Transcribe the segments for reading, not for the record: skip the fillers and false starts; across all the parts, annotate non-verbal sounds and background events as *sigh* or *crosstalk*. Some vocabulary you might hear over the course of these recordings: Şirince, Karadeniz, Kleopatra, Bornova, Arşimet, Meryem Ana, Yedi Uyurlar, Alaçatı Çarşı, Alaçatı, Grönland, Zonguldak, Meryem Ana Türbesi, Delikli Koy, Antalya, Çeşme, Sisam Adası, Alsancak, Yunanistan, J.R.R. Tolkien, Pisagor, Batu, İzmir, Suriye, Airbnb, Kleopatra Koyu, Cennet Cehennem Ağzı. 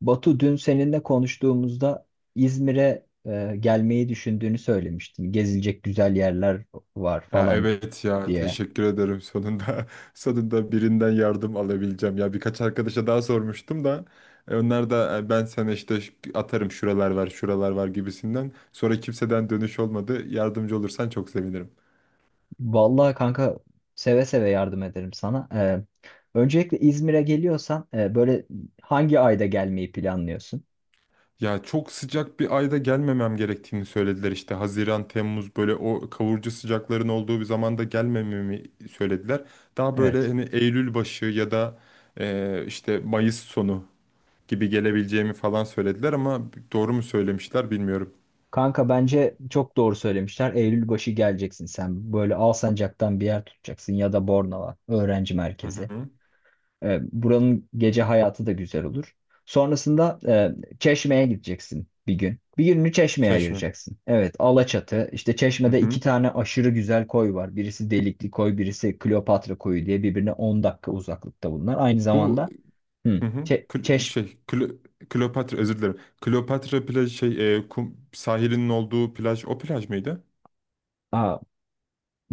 Batu dün seninle konuştuğumuzda İzmir'e gelmeyi düşündüğünü söylemiştin. Gezilecek güzel yerler var Ya falan evet, ya diye. teşekkür ederim, sonunda *laughs* sonunda birinden yardım alabileceğim. Ya birkaç arkadaşa daha sormuştum da onlar da ben sana işte atarım şuralar var, şuralar var gibisinden, sonra kimseden dönüş olmadı. Yardımcı olursan çok sevinirim. Vallahi kanka seve seve yardım ederim sana. Öncelikle İzmir'e geliyorsan böyle hangi ayda gelmeyi planlıyorsun? Ya çok sıcak bir ayda gelmemem gerektiğini söylediler, işte Haziran, Temmuz, böyle o kavurucu sıcakların olduğu bir zamanda gelmememi söylediler. Daha böyle Evet. hani Eylül başı ya da işte Mayıs sonu gibi gelebileceğimi falan söylediler, ama doğru mu söylemişler bilmiyorum. Kanka bence çok doğru söylemişler. Eylül başı geleceksin sen. Böyle Alsancak'tan bir yer tutacaksın ya da Bornova öğrenci Hı merkezi. hı. Buranın gece hayatı da güzel olur. Sonrasında Çeşme'ye gideceksin bir gün. Bir gününü Çeşme'ye Çeşme. ayıracaksın. Evet, Alaçatı. İşte Hı Çeşme'de iki hı. tane aşırı güzel koy var. Birisi Delikli Koy, birisi Kleopatra Koyu diye birbirine 10 dakika uzaklıkta bunlar. Aynı Bu zamanda hı, hı hı. Çe- Çeş... Kleopatra, özür dilerim. Kleopatra plaj, kum sahilinin olduğu plaj, o plaj mıydı? Aa,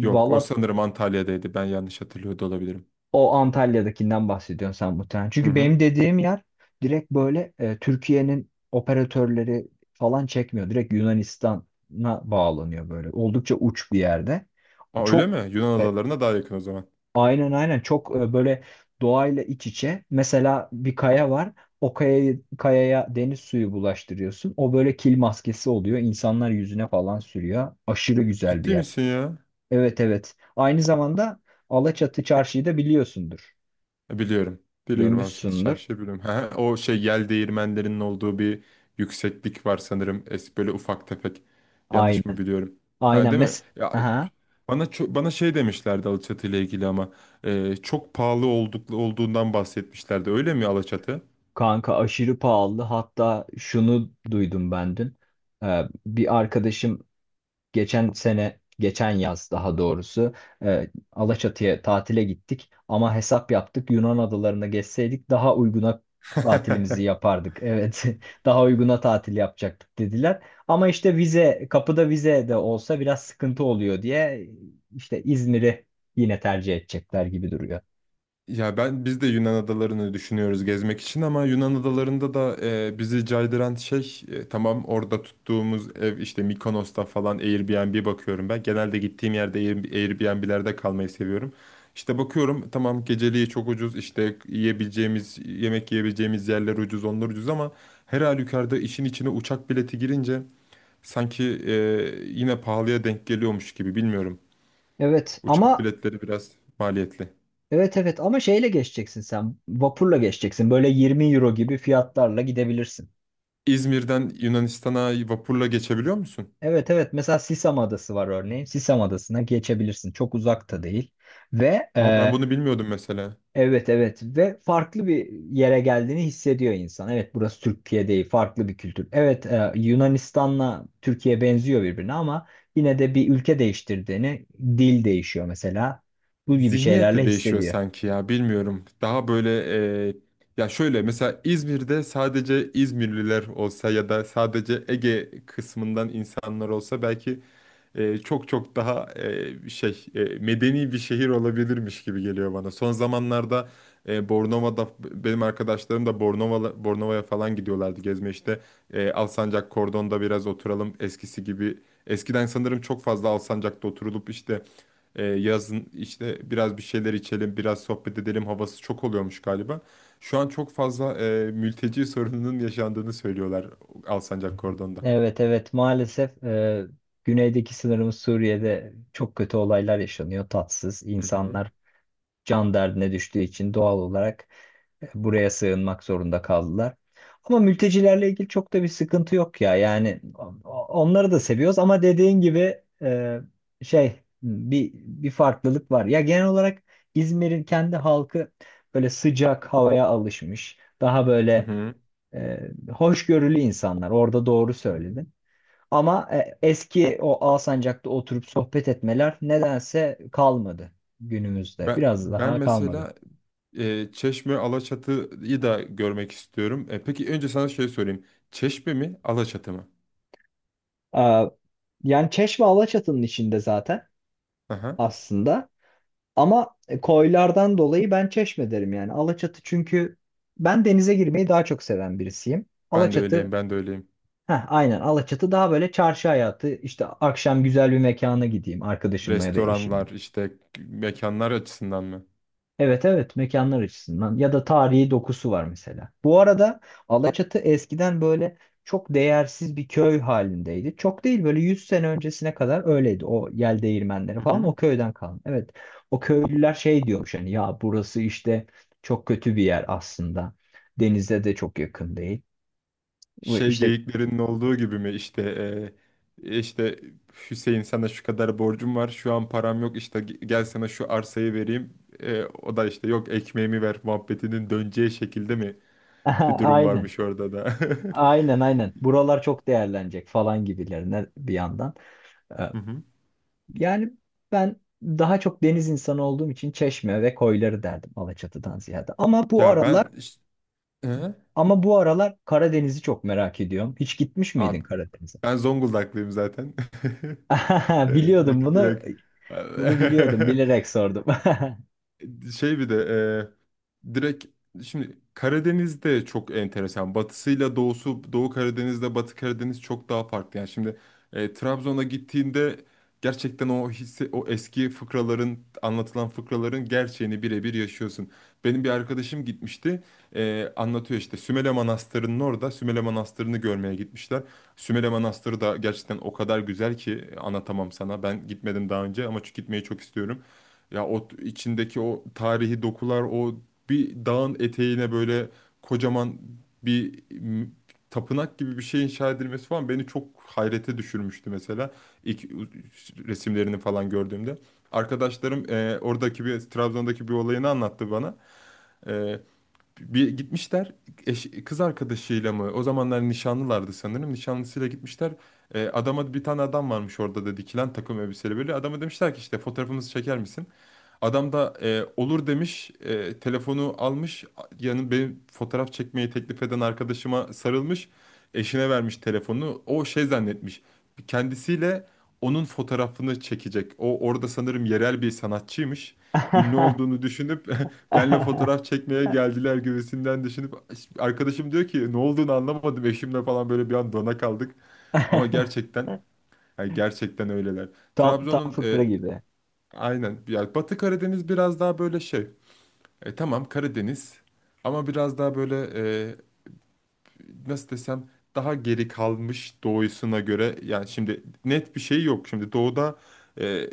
Yok, o sanırım Antalya'daydı. Ben yanlış hatırlıyor da olabilirim. O Antalya'dakinden bahsediyorsun sen muhtemelen. Hı Çünkü hı. benim dediğim yer direkt böyle Türkiye'nin operatörleri falan çekmiyor. Direkt Yunanistan'a bağlanıyor böyle. Oldukça uç bir yerde. Aa, öyle Çok mi? Yunan e, adalarına daha yakın o zaman. aynen aynen, çok böyle doğayla iç içe. Mesela bir kaya var. Kayaya deniz suyu bulaştırıyorsun. O böyle kil maskesi oluyor. İnsanlar yüzüne falan sürüyor. Aşırı güzel bir Ciddi yer. misin ya? Evet, evet. Aynı zamanda Alaçatı Çarşı'yı da biliyorsundur. Biliyorum. Biliyorum, Alaçatı Duymuşsundur. Çarşı'yı biliyorum. *laughs* Ha, o şey yel değirmenlerinin olduğu bir yükseklik var sanırım. Es böyle ufak tefek. Aynen. Yanlış mı biliyorum? Ha, Aynen. değil mi? Mes Ya, Aha. bana şey demişlerdi Alaçatı ile ilgili, ama çok pahalı olduğundan bahsetmişlerdi. Öyle mi Alaçatı? Kanka aşırı pahalı. Hatta şunu duydum ben dün. Bir arkadaşım geçen sene, geçen yaz daha doğrusu Alaçatı'ya tatile gittik. Ama hesap yaptık. Yunan adalarına geçseydik daha uyguna tatilimizi *laughs* yapardık. Evet. *laughs* Daha uyguna tatil yapacaktık dediler. Ama işte vize, kapıda vize de olsa biraz sıkıntı oluyor diye işte İzmir'i yine tercih edecekler gibi duruyor. Ya biz de Yunan adalarını düşünüyoruz gezmek için, ama Yunan adalarında da bizi caydıran şey, tamam, orada tuttuğumuz ev, işte Mikonos'ta falan Airbnb bakıyorum ben. Genelde gittiğim yerde Airbnb'lerde kalmayı seviyorum. İşte bakıyorum, tamam, geceliği çok ucuz, işte yiyebileceğimiz yerler ucuz, onlar ucuz, ama her halükarda işin içine uçak bileti girince sanki yine pahalıya denk geliyormuş gibi, bilmiyorum. Evet Uçak ama biletleri biraz maliyetli. Evet, evet, ama şeyle geçeceksin sen. Vapurla geçeceksin. Böyle 20 € gibi fiyatlarla gidebilirsin. İzmir'den Yunanistan'a vapurla geçebiliyor musun? Evet, evet, mesela Sisam Adası var örneğin. Sisam Adası'na geçebilirsin. Çok uzak da değil. Ve Aa, ben e, bunu bilmiyordum mesela. evet, evet, ve farklı bir yere geldiğini hissediyor insan. Evet, burası Türkiye değil, farklı bir kültür. Evet, Yunanistan'la Türkiye benziyor birbirine ama yine de bir ülke değiştirdiğini dil değişiyor mesela. Bu gibi Zihniyet şeylerle de değişiyor hissediyor. sanki ya, bilmiyorum. Daha böyle e, ya şöyle, mesela İzmir'de sadece İzmirliler olsa ya da sadece Ege kısmından insanlar olsa belki çok çok daha medeni bir şehir olabilirmiş gibi geliyor bana. Son zamanlarda Bornova'da benim arkadaşlarım da Bornova'ya falan gidiyorlardı gezme, işte. Alsancak Kordon'da biraz oturalım eskisi gibi. Eskiden sanırım çok fazla Alsancak'ta oturulup, işte yazın işte biraz bir şeyler içelim, biraz sohbet edelim havası çok oluyormuş galiba. Şu an çok fazla mülteci sorununun yaşandığını söylüyorlar Alsancak Kordon'da. Evet, evet, maalesef. Güneydeki sınırımız Suriye'de çok kötü olaylar yaşanıyor. Tatsız Hı hı. insanlar can derdine düştüğü için doğal olarak buraya sığınmak zorunda kaldılar. Ama mültecilerle ilgili çok da bir sıkıntı yok ya. Yani onları da seviyoruz ama dediğin gibi, şey bir farklılık var. Ya, genel olarak İzmir'in kendi halkı böyle sıcak havaya alışmış. Daha Hı böyle hı. Hoşgörülü insanlar. Orada doğru söyledin. Ama eski o Alsancak'ta oturup sohbet etmeler nedense kalmadı günümüzde. Ben, Biraz ben daha kalmadı. mesela Çeşme, Alaçatı'yı da görmek istiyorum. Peki, önce sana şey sorayım. Çeşme mi, Alaçatı mı? Aa, yani Çeşme Alaçatı'nın içinde zaten Aha. aslında. Ama koylardan dolayı ben Çeşme derim yani. Alaçatı çünkü ben denize girmeyi daha çok seven birisiyim. Ben de öyleyim, ben de öyleyim. Heh, aynen, Alaçatı daha böyle çarşı hayatı, işte akşam güzel bir mekana gideyim arkadaşımla ya da eşimle. Restoranlar, işte mekanlar açısından mı? Evet, evet, mekanlar açısından ya da tarihi dokusu var mesela. Bu arada Alaçatı eskiden böyle çok değersiz bir köy halindeydi. Çok değil, böyle 100 sene öncesine kadar öyleydi. O yel değirmenleri Hı falan hı. o köyden kalma. Evet, o köylüler şey diyormuş hani, ya burası işte çok kötü bir yer aslında. Denize de çok yakın değil. Ve Şey İşte geyiklerinin olduğu gibi mi, İşte e, işte Hüseyin sana şu kadar borcum var, şu an param yok, işte gel sana şu arsayı vereyim. O da işte yok, ekmeğimi ver muhabbetinin döneceği şekilde mi bir *laughs* durum aynen, varmış orada da. *laughs* aynen buralar çok değerlenecek falan gibilerine bir yandan. Hı hı. Yani ben daha çok deniz insanı olduğum için Çeşme ve koyları derdim Alaçatı'dan ziyade. Ya ben iş- Hı? Ama bu aralar Karadeniz'i çok merak ediyorum. Hiç gitmiş miydin Abi, Karadeniz'e? ben Zonguldaklıyım zaten. *laughs* E, *laughs* Biliyordum Direkt, bunu. direkt. Bunu *laughs* biliyordum. Bilerek sordum. *laughs* Şey bir de e, direkt, şimdi Karadeniz'de çok enteresan. Batısıyla doğusu, Doğu Karadeniz'de Batı Karadeniz çok daha farklı. Yani şimdi Trabzon'a gittiğinde gerçekten o hisse, o eski anlatılan fıkraların gerçeğini birebir yaşıyorsun. Benim bir arkadaşım gitmişti. Anlatıyor işte, Sümele Manastırı'nın orada, Sümele Manastırı'nı görmeye gitmişler. Sümele Manastırı da gerçekten o kadar güzel ki, anlatamam sana. Ben gitmedim daha önce, ama gitmeyi çok istiyorum. Ya içindeki o tarihi dokular, o bir dağın eteğine böyle kocaman bir m, tapınak gibi bir şey inşa edilmesi falan beni çok hayrete düşürmüştü, mesela ilk resimlerini falan gördüğümde. Arkadaşlarım oradaki Trabzon'daki bir olayını anlattı bana. E, Bir gitmişler, kız arkadaşıyla mı? O zamanlar nişanlılardı sanırım. Nişanlısıyla gitmişler. E, adama Bir tane adam varmış orada da, dikilen, takım elbiseli böyle. Adama demişler ki, işte fotoğrafımızı çeker misin? Adam da olur demiş, telefonu almış, yani benim fotoğraf çekmeyi teklif eden arkadaşıma sarılmış, eşine vermiş telefonu. O şey zannetmiş, kendisiyle onun fotoğrafını çekecek. O orada sanırım yerel bir sanatçıymış. Ünlü olduğunu düşünüp *laughs* benle fotoğraf çekmeye geldiler gibisinden düşünüp, arkadaşım diyor ki ne olduğunu anlamadım, eşimle falan böyle bir an dona kaldık. Ama gerçekten, yani gerçekten öyleler. Tam tam Trabzon'un fıkra gibi. aynen. Yani Batı Karadeniz biraz daha böyle şey. Tamam, Karadeniz, ama biraz daha böyle e, nasıl desem, daha geri kalmış doğusuna göre. Yani şimdi net bir şey yok. Şimdi doğuda e,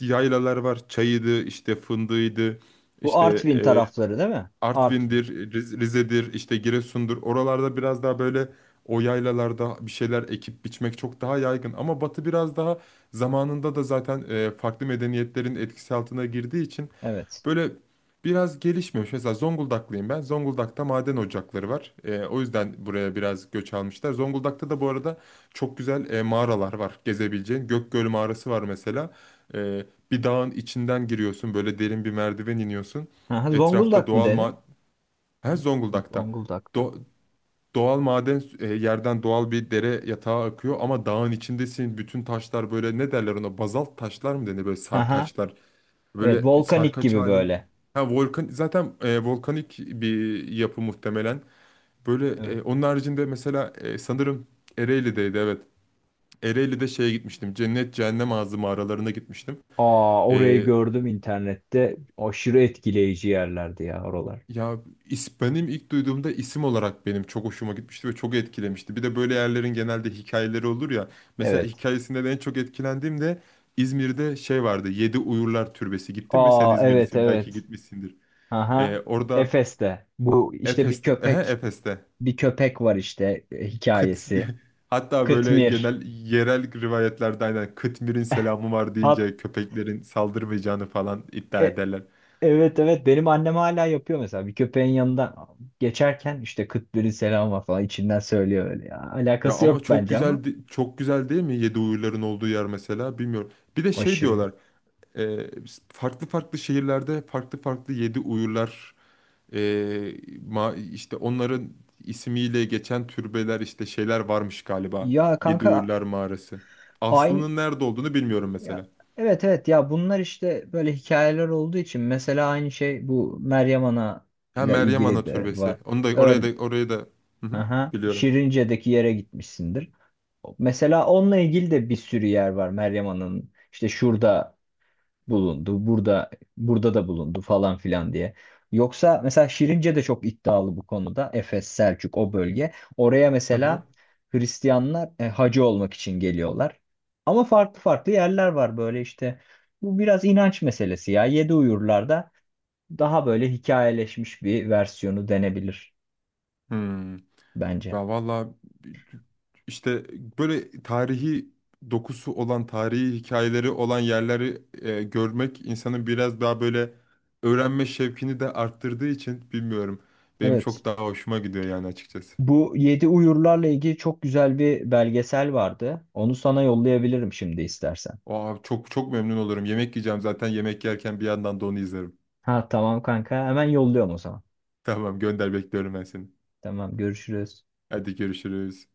yaylalar var. Çayıydı, işte fındığıydı, Bu işte Artvin e, tarafları değil mi? Artvin. Artvin'dir, Rize'dir, işte Giresun'dur. Oralarda biraz daha böyle, o yaylalarda bir şeyler ekip biçmek çok daha yaygın. Ama Batı biraz daha, zamanında da zaten farklı medeniyetlerin etkisi altına girdiği için Evet. böyle biraz gelişmemiş. Mesela Zonguldaklıyım ben. Zonguldak'ta maden ocakları var. O yüzden buraya biraz göç almışlar. Zonguldak'ta da bu arada çok güzel mağaralar var gezebileceğin. Gökgöl mağarası var mesela. Ee, Bir dağın içinden giriyorsun. Böyle derin bir merdiven iniyorsun. Aha, Etrafta Zonguldak mı doğal dedin? ma... Ha, Zonguldak'ta. Zonguldak'ta. Do- Doğal yerden doğal bir dere yatağı akıyor, ama dağın içindesin. Bütün taşlar böyle, ne derler ona? Bazalt taşlar mı denir? Böyle Aha. sarkaçlar. Evet, Böyle bir volkanik sarkaç gibi halin. böyle. Ha, volkan zaten, volkanik bir yapı muhtemelen. Böyle Evet. Onun haricinde mesela sanırım Ereğli'deydi, evet. Ereğli'de şeye gitmiştim. Cennet Cehennem Ağzı mağaralarına gitmiştim. Aa, orayı E, gördüm internette. Aşırı etkileyici yerlerdi ya oralar. Ya benim ilk duyduğumda isim olarak benim çok hoşuma gitmişti ve çok etkilemişti. Bir de böyle yerlerin genelde hikayeleri olur ya. Mesela Evet. hikayesinde de en çok etkilendiğim de, İzmir'de şey vardı, Yedi Uyurlar Türbesi. Gittin mi? Sen Aa, evet, İzmirlisin, belki evet. gitmişsindir. Aha. Orada Efes'te. Bu işte bir Efes'te, ehe, köpek, Efes'te. bir köpek var işte, Kıt, hikayesi. *laughs* hatta böyle Kıtmir. genel yerel rivayetlerde, aynen, Kıtmir'in selamı var Hat deyince köpeklerin saldırmayacağını falan iddia e- ederler. evet, evet, benim annem hala yapıyor mesela. Bir köpeğin yanından geçerken işte Kıtmir'in selamı var falan içinden söylüyor öyle ya. Ya Alakası ama yok çok bence ama güzel, çok güzel değil mi yedi uyurların olduğu yer, mesela, bilmiyorum. Bir de şey aşırı. diyorlar, e, farklı farklı şehirlerde farklı farklı yedi uyurlar, e, işte onların ismiyle geçen türbeler, işte şeyler varmış galiba. Ya Yedi kanka Uyurlar Mağarası. aynı Aslının nerede olduğunu bilmiyorum Ya, mesela. evet, evet, ya bunlar işte böyle hikayeler olduğu için mesela aynı şey bu Meryem Ana Ha, ile Meryem ilgili Ana de var. Türbesi. Onu da, oraya Ör, da, oraya da. Hı hı, aha, biliyorum. Şirince'deki yere gitmişsindir. Mesela onunla ilgili de bir sürü yer var Meryem Ana'nın. İşte şurada bulundu. Burada da bulundu falan filan diye. Yoksa mesela Şirince de çok iddialı bu konuda. Efes, Selçuk o bölge. Oraya Hı hı. mesela Hristiyanlar hacı olmak için geliyorlar. Ama farklı farklı yerler var böyle işte. Bu biraz inanç meselesi ya. Yedi Uyurlar'da daha böyle hikayeleşmiş bir versiyonu denebilir Hmm. bence. Ya valla, işte böyle tarihi dokusu olan, tarihi hikayeleri olan yerleri görmek insanın biraz daha böyle öğrenme şevkini de arttırdığı için, bilmiyorum. Benim Evet. çok daha hoşuma gidiyor yani, açıkçası. Bu Yedi Uyurlar'la ilgili çok güzel bir belgesel vardı. Onu sana yollayabilirim şimdi istersen. Aa, çok çok memnun olurum. Yemek yiyeceğim zaten, yemek yerken bir yandan da onu izlerim. Ha, tamam kanka. Hemen yolluyorum o zaman. *laughs* Tamam, gönder, bekliyorum ben seni. Tamam, görüşürüz. Hadi, görüşürüz.